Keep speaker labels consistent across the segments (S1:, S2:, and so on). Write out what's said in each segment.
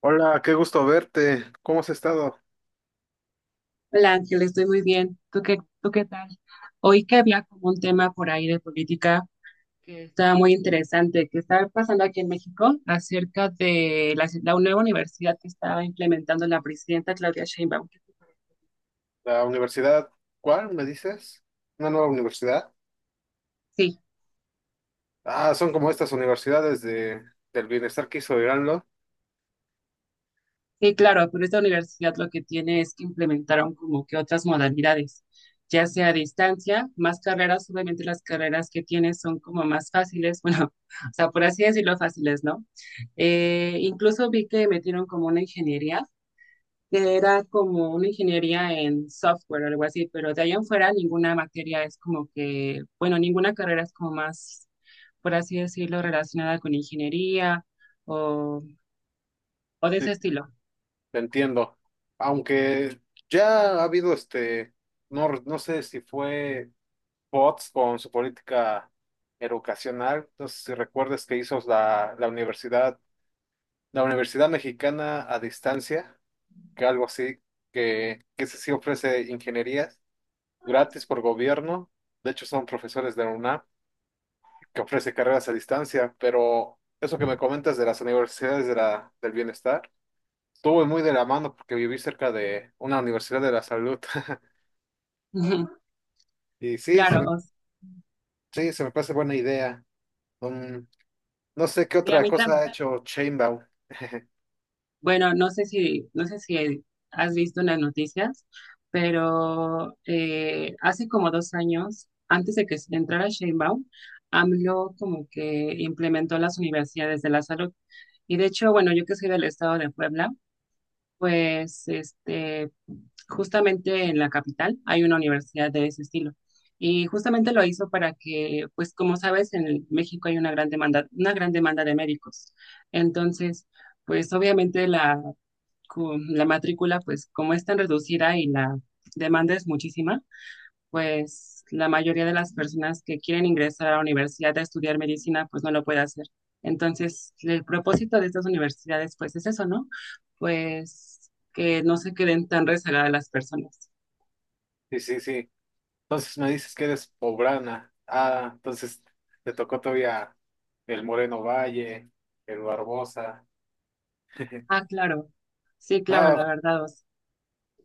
S1: Hola, qué gusto verte. ¿Cómo has estado?
S2: Hola Ángel, estoy muy bien. Tú qué tal? Oí que había como un tema por ahí de política que estaba muy interesante, que estaba pasando aquí en México acerca de la nueva universidad que estaba implementando la presidenta Claudia Sheinbaum.
S1: La universidad, ¿cuál me dices? ¿Una nueva universidad?
S2: Sí.
S1: Ah, son como estas universidades del bienestar que hizo Irán, ¿no?
S2: Sí, claro, pero esta universidad lo que tiene es que implementaron como que otras modalidades, ya sea a distancia, más carreras, obviamente las carreras que tienes son como más fáciles, bueno, o sea, por así decirlo, fáciles, ¿no? Incluso vi que metieron como una ingeniería, que era como una ingeniería en software o algo así, pero de ahí en fuera ninguna materia es como que, bueno, ninguna carrera es como más, por así decirlo, relacionada con ingeniería o, o de
S1: Sí,
S2: ese estilo.
S1: te entiendo. Aunque ya ha habido no, no sé si fue POTS con su política educacional. No sé si recuerdas que hizo la Universidad, la Universidad Mexicana a distancia, que algo así, que se sí ofrece ingeniería gratis por gobierno. De hecho, son profesores de la UNAM que ofrece carreras a distancia, pero eso que me comentas de las universidades de del bienestar, estuve muy de la mano porque viví cerca de una universidad de la salud. Y sí,
S2: Claro.
S1: sí, se me parece buena idea. Mm, no sé qué
S2: Y a
S1: otra
S2: mí
S1: cosa ha
S2: también.
S1: hecho Chainbaum.
S2: Bueno, no sé si has visto en las noticias, pero hace como dos años, antes de que entrara Sheinbaum, AMLO como que implementó las universidades de la salud. Y de hecho, bueno, yo que soy del estado de Puebla, pues este, justamente en la capital hay una universidad de ese estilo. Y justamente lo hizo para que, pues como sabes, en México hay una gran demanda de médicos. Entonces, pues obviamente la matrícula, pues como es tan reducida y la demanda es muchísima, pues la mayoría de las personas que quieren ingresar a la universidad a estudiar medicina, pues no lo puede hacer. Entonces, el propósito de estas universidades, pues es eso, ¿no? Pues que no se queden tan rezagadas las personas.
S1: Sí, sí, sí. Entonces me dices que eres poblana. Ah, entonces te tocó todavía el Moreno Valle, el Barbosa.
S2: Ah, claro. Sí, claro,
S1: No,
S2: la verdad, o sea,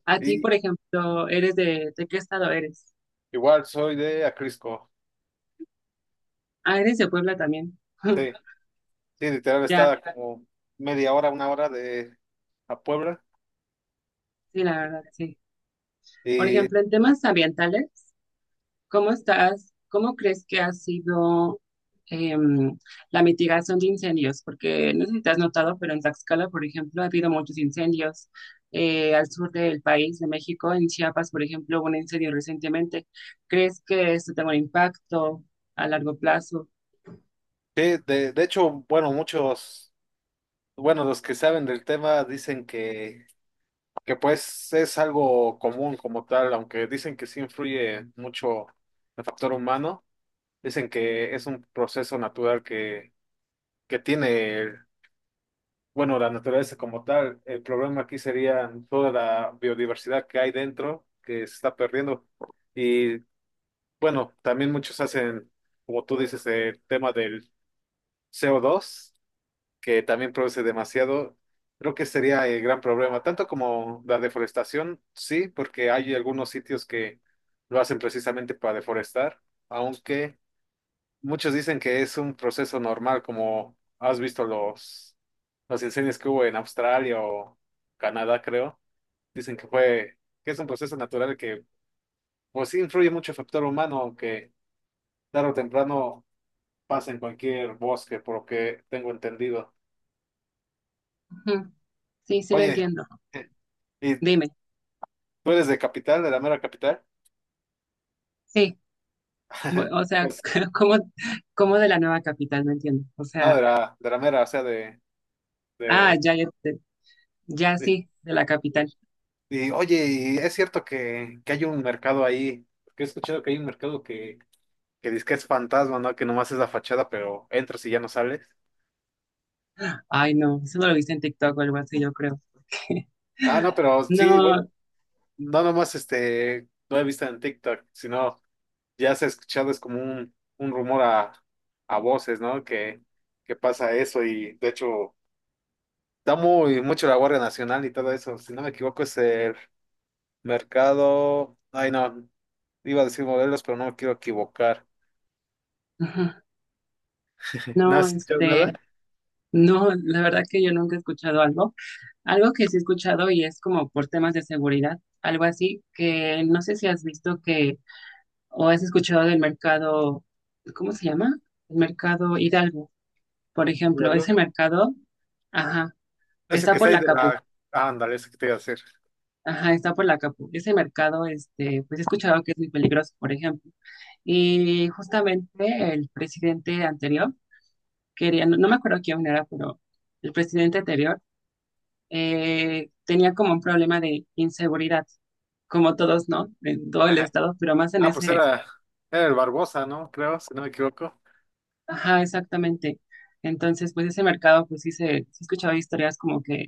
S2: a ti,
S1: y,
S2: por ejemplo, ¿eres de qué estado eres?
S1: igual soy de Acrisco.
S2: Ah, eres de Puebla también.
S1: Sí, sí, literal
S2: Ya,
S1: está como media hora, una hora de a Puebla.
S2: sí, la verdad, sí. Por
S1: Y sí,
S2: ejemplo, en temas ambientales, ¿cómo estás? ¿Cómo crees que ha sido em, la mitigación de incendios? Porque no sé si te has notado, pero en Tlaxcala, por ejemplo, ha habido muchos incendios. Al sur del país, de México, en Chiapas, por ejemplo, hubo un incendio recientemente. ¿Crees que esto tenga un impacto a largo plazo?
S1: de hecho, bueno, muchos, bueno, los que saben del tema dicen que pues es algo común como tal, aunque dicen que sí influye mucho el factor humano. Dicen que es un proceso natural que tiene. Bueno, la naturaleza como tal, el problema aquí sería toda la biodiversidad que hay dentro, que se está perdiendo. Y bueno, también muchos hacen, como tú dices, el tema del CO2, que también produce demasiado. Creo que sería el gran problema, tanto como la deforestación, sí, porque hay algunos sitios que lo hacen precisamente para deforestar, aunque muchos dicen que es un proceso normal, como has visto los incendios que hubo en Australia o Canadá, creo. Dicen que es un proceso natural que, pues sí, influye mucho el factor humano, que tarde o temprano pasa en cualquier bosque, por lo que tengo entendido.
S2: Sí, sí lo
S1: Oye,
S2: entiendo.
S1: eh, ¿y
S2: Dime,
S1: tú eres de capital, de la mera capital?
S2: sí, o sea,
S1: Pues,
S2: ¿cómo, cómo de la nueva capital? No entiendo. O
S1: no,
S2: sea,
S1: de de la mera, o sea,
S2: ah,
S1: de,
S2: ya, ya, ya
S1: de-
S2: sí, de la capital.
S1: y oye, ¿y es cierto que hay un mercado ahí, que he escuchado que hay un mercado que dice que es fantasma, ¿no? Que nomás es la fachada, pero entras y ya no sales.
S2: Ay, no, eso no lo viste en TikTok o algo así, yo creo.
S1: Ah, no, pero sí,
S2: No,
S1: bueno, no nomás no he visto en TikTok, sino ya se ha escuchado, es como un rumor a voces, ¿no? Que pasa eso y de hecho da muy mucho la Guardia Nacional y todo eso. Si no me equivoco es el mercado, ay no, iba a decir modelos, pero no me quiero equivocar.
S2: ujú,
S1: ¿No
S2: no,
S1: has escuchado nada?
S2: este, no, la verdad que yo nunca he escuchado algo. Algo que sí he escuchado y es como por temas de seguridad, algo así, que no sé si has visto que o has escuchado del mercado, ¿cómo se llama? El mercado Hidalgo. Por ejemplo,
S1: ¿Algo?
S2: ese mercado, ajá,
S1: Ese que
S2: está
S1: está
S2: por
S1: ahí
S2: la
S1: de
S2: Capu,
S1: la... Ah, ándale, ese que te iba a decir.
S2: ajá, está por la Capu. Ese mercado, este, pues he escuchado que es muy peligroso, por ejemplo. Y justamente el presidente anterior quería, no, no me acuerdo quién era, pero el presidente anterior tenía como un problema de inseguridad, como todos, ¿no? En todo el estado, pero más en
S1: Ah, pues
S2: ese,
S1: era, era el Barbosa, ¿no? Creo, si no me equivoco.
S2: ajá, exactamente. Entonces, pues ese mercado, pues sí he escuchado historias como que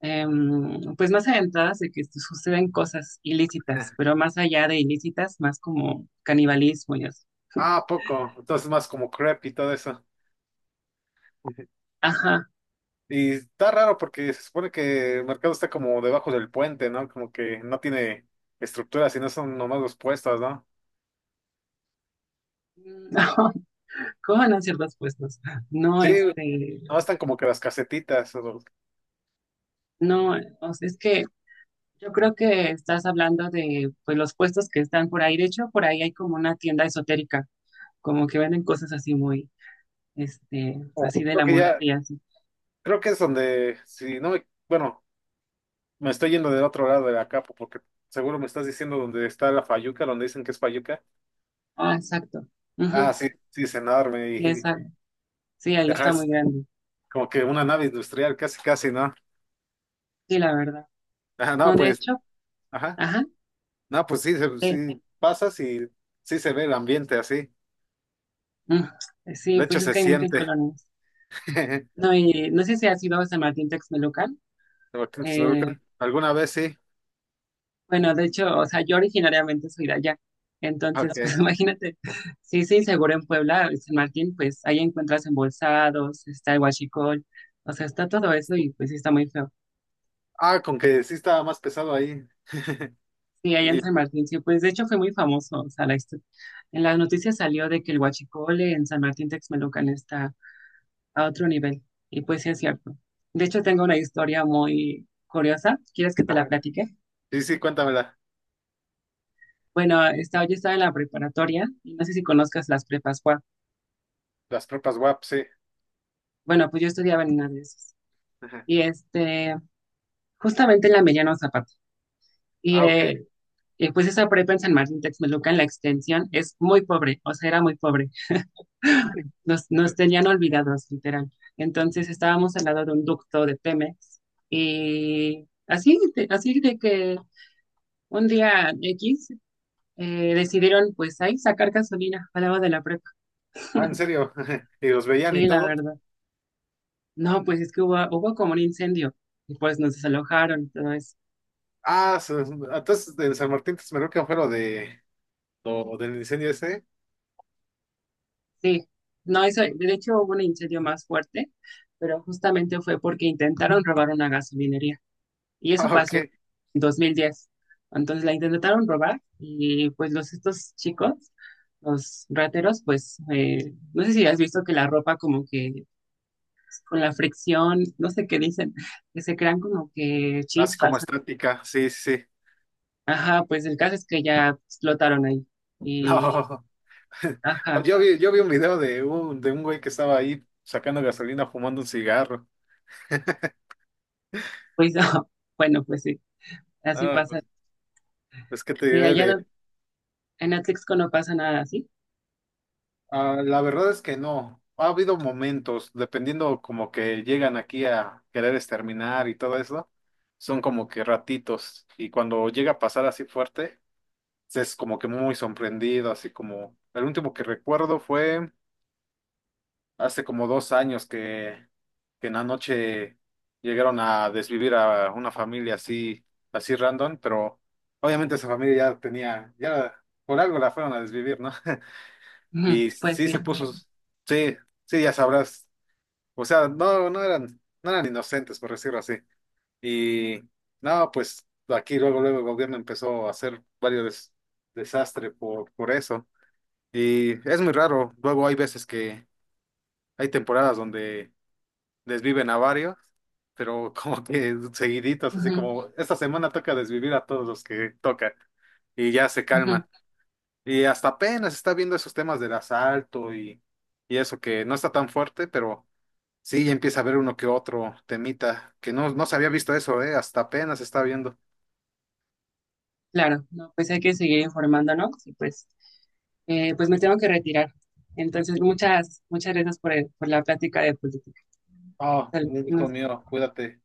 S2: pues más aventadas de que este, suceden cosas ilícitas, pero más allá de ilícitas, más como canibalismo y así.
S1: Ah, poco. Entonces más como crep y todo eso.
S2: Ajá.
S1: Y está raro porque se supone que el mercado está como debajo del puente, ¿no? Como que no tiene estructura, sino son nomás los puestos, ¿no?
S2: No, ¿cómo van a ciertos puestos? No, no,
S1: Sí,
S2: este,
S1: nomás están como que las casetitas. O, los-
S2: no, o sea, es que yo creo que estás hablando de, pues, los puestos que están por ahí. De hecho, por ahí hay como una tienda esotérica, como que venden cosas así muy, este,
S1: o
S2: así de
S1: creo
S2: la
S1: que
S2: muerte
S1: ya,
S2: y así.
S1: creo que es donde, si no me, bueno, me estoy yendo del otro lado de la capa porque seguro me estás diciendo donde está la fayuca, donde dicen que es fayuca.
S2: Ah, exacto.
S1: Ah,
S2: Ujú,
S1: sí, sí, es enorme
S2: y
S1: y,
S2: esa- sí, ahí
S1: ajá,
S2: está
S1: es-
S2: muy grande.
S1: como que una nave industrial, casi, casi, ¿no?
S2: Sí, la verdad.
S1: Ajá, no,
S2: No, de
S1: pues,
S2: hecho,
S1: ajá.
S2: ajá.
S1: No, pues sí, se-
S2: eh,
S1: sí pasas y sí se ve el ambiente así.
S2: Mm, sí,
S1: De hecho,
S2: pues es
S1: se
S2: que hay muchas
S1: siente.
S2: colonias. No, y no sé si has ido a San Martín Texmelucan. Eh,
S1: ¿Alguna vez sí?
S2: bueno, de hecho, o sea, yo originariamente soy de allá.
S1: Ok.
S2: Entonces, pues imagínate, sí, sí, seguro en Puebla, en San Martín, pues ahí encuentras embolsados, está el huachicol, o sea, está todo eso y pues sí está muy feo.
S1: Ah, con que sí estaba más pesado ahí.
S2: Sí, allá en
S1: Y,
S2: San Martín, sí, pues de hecho fue muy famoso, o sea, en las noticias salió de que el huachicol en San Martín Texmelucan está a otro nivel. Y pues sí es cierto. De hecho, tengo una historia muy curiosa. ¿Quieres que te la
S1: ajá.
S2: platique?
S1: Sí, sí, cuéntamela.
S2: Bueno, yo estaba en la preparatoria y no sé si conozcas las prepas Juan.
S1: Las tropas WAP, sí.
S2: Bueno, pues yo estudiaba en una de esas.
S1: Ajá.
S2: Y este, justamente en la Mediano Zapata. Y
S1: Ah, ok.
S2: eh, pues esa prepa en San Martín Texmelucan, la extensión, es muy pobre, o sea, era muy pobre. Nos tenían olvidados, literal. Entonces estábamos al lado de un ducto de Pemex y así, así de que un día X decidieron pues ahí sacar gasolina al lado de la prepa.
S1: Ah, ¿en serio? ¿Y los veían y
S2: Sí, la
S1: todo?
S2: verdad. No, pues es que hubo como un incendio y pues nos desalojaron. Entonces,
S1: Ah, su- entonces en San Martín Texmelucan fue lo de lo del incendio ese.
S2: sí, no, eso, de hecho hubo un incendio más fuerte, pero justamente fue porque intentaron robar una gasolinería y eso
S1: Ah,
S2: pasó
S1: ok.
S2: en 2010. Entonces la intentaron robar y pues los estos chicos, los rateros, pues no sé si has visto que la ropa como que con la fricción, no sé qué dicen, que se crean como que
S1: Así como
S2: chispas.
S1: estática, sí, sí. Sí.
S2: Ajá, pues el caso es que ya explotaron ahí.
S1: No,
S2: Y, ajá,
S1: yo vi un video de de un güey que estaba ahí sacando gasolina fumando un cigarro.
S2: pues bueno, pues sí, así
S1: Ah,
S2: pasa.
S1: pues, es que te
S2: Sí,
S1: diré de...
S2: en Atlixco no pasa nada así.
S1: ah, la verdad es que no. Ha habido momentos, dependiendo como que llegan aquí a querer exterminar y todo eso, son como que ratitos. Y cuando llega a pasar así fuerte, es como que muy sorprendido, así como... el último que recuerdo fue... hace como 2 años que en la noche llegaron a desvivir a una familia así, así random, pero obviamente esa familia ya tenía, ya por algo la fueron a desvivir, ¿no?
S2: Ujú.
S1: Y
S2: Pues
S1: sí
S2: sí.
S1: se puso, sí, sí, ya sabrás. O sea, no, no eran, no eran inocentes, por decirlo así. Y no, pues aquí luego, luego el gobierno empezó a hacer varios des- desastres por eso. Y es muy raro. Luego hay veces que hay temporadas donde desviven a varios, pero como que seguiditos, así
S2: Ujú,
S1: como esta semana toca desvivir a todos los que toca y ya se
S2: ujú.
S1: calman. Y hasta apenas está viendo esos temas del asalto y eso que no está tan fuerte, pero sí ya empieza a ver uno que otro temita, que no, no se había visto eso, hasta apenas está viendo.
S2: Claro, no, pues hay que seguir informándonos y pues, pues me tengo que retirar. Entonces, muchas, muchas gracias por, por la plática de política.
S1: Oh,
S2: Salud.
S1: un gusto
S2: Nos
S1: mío, cuídate.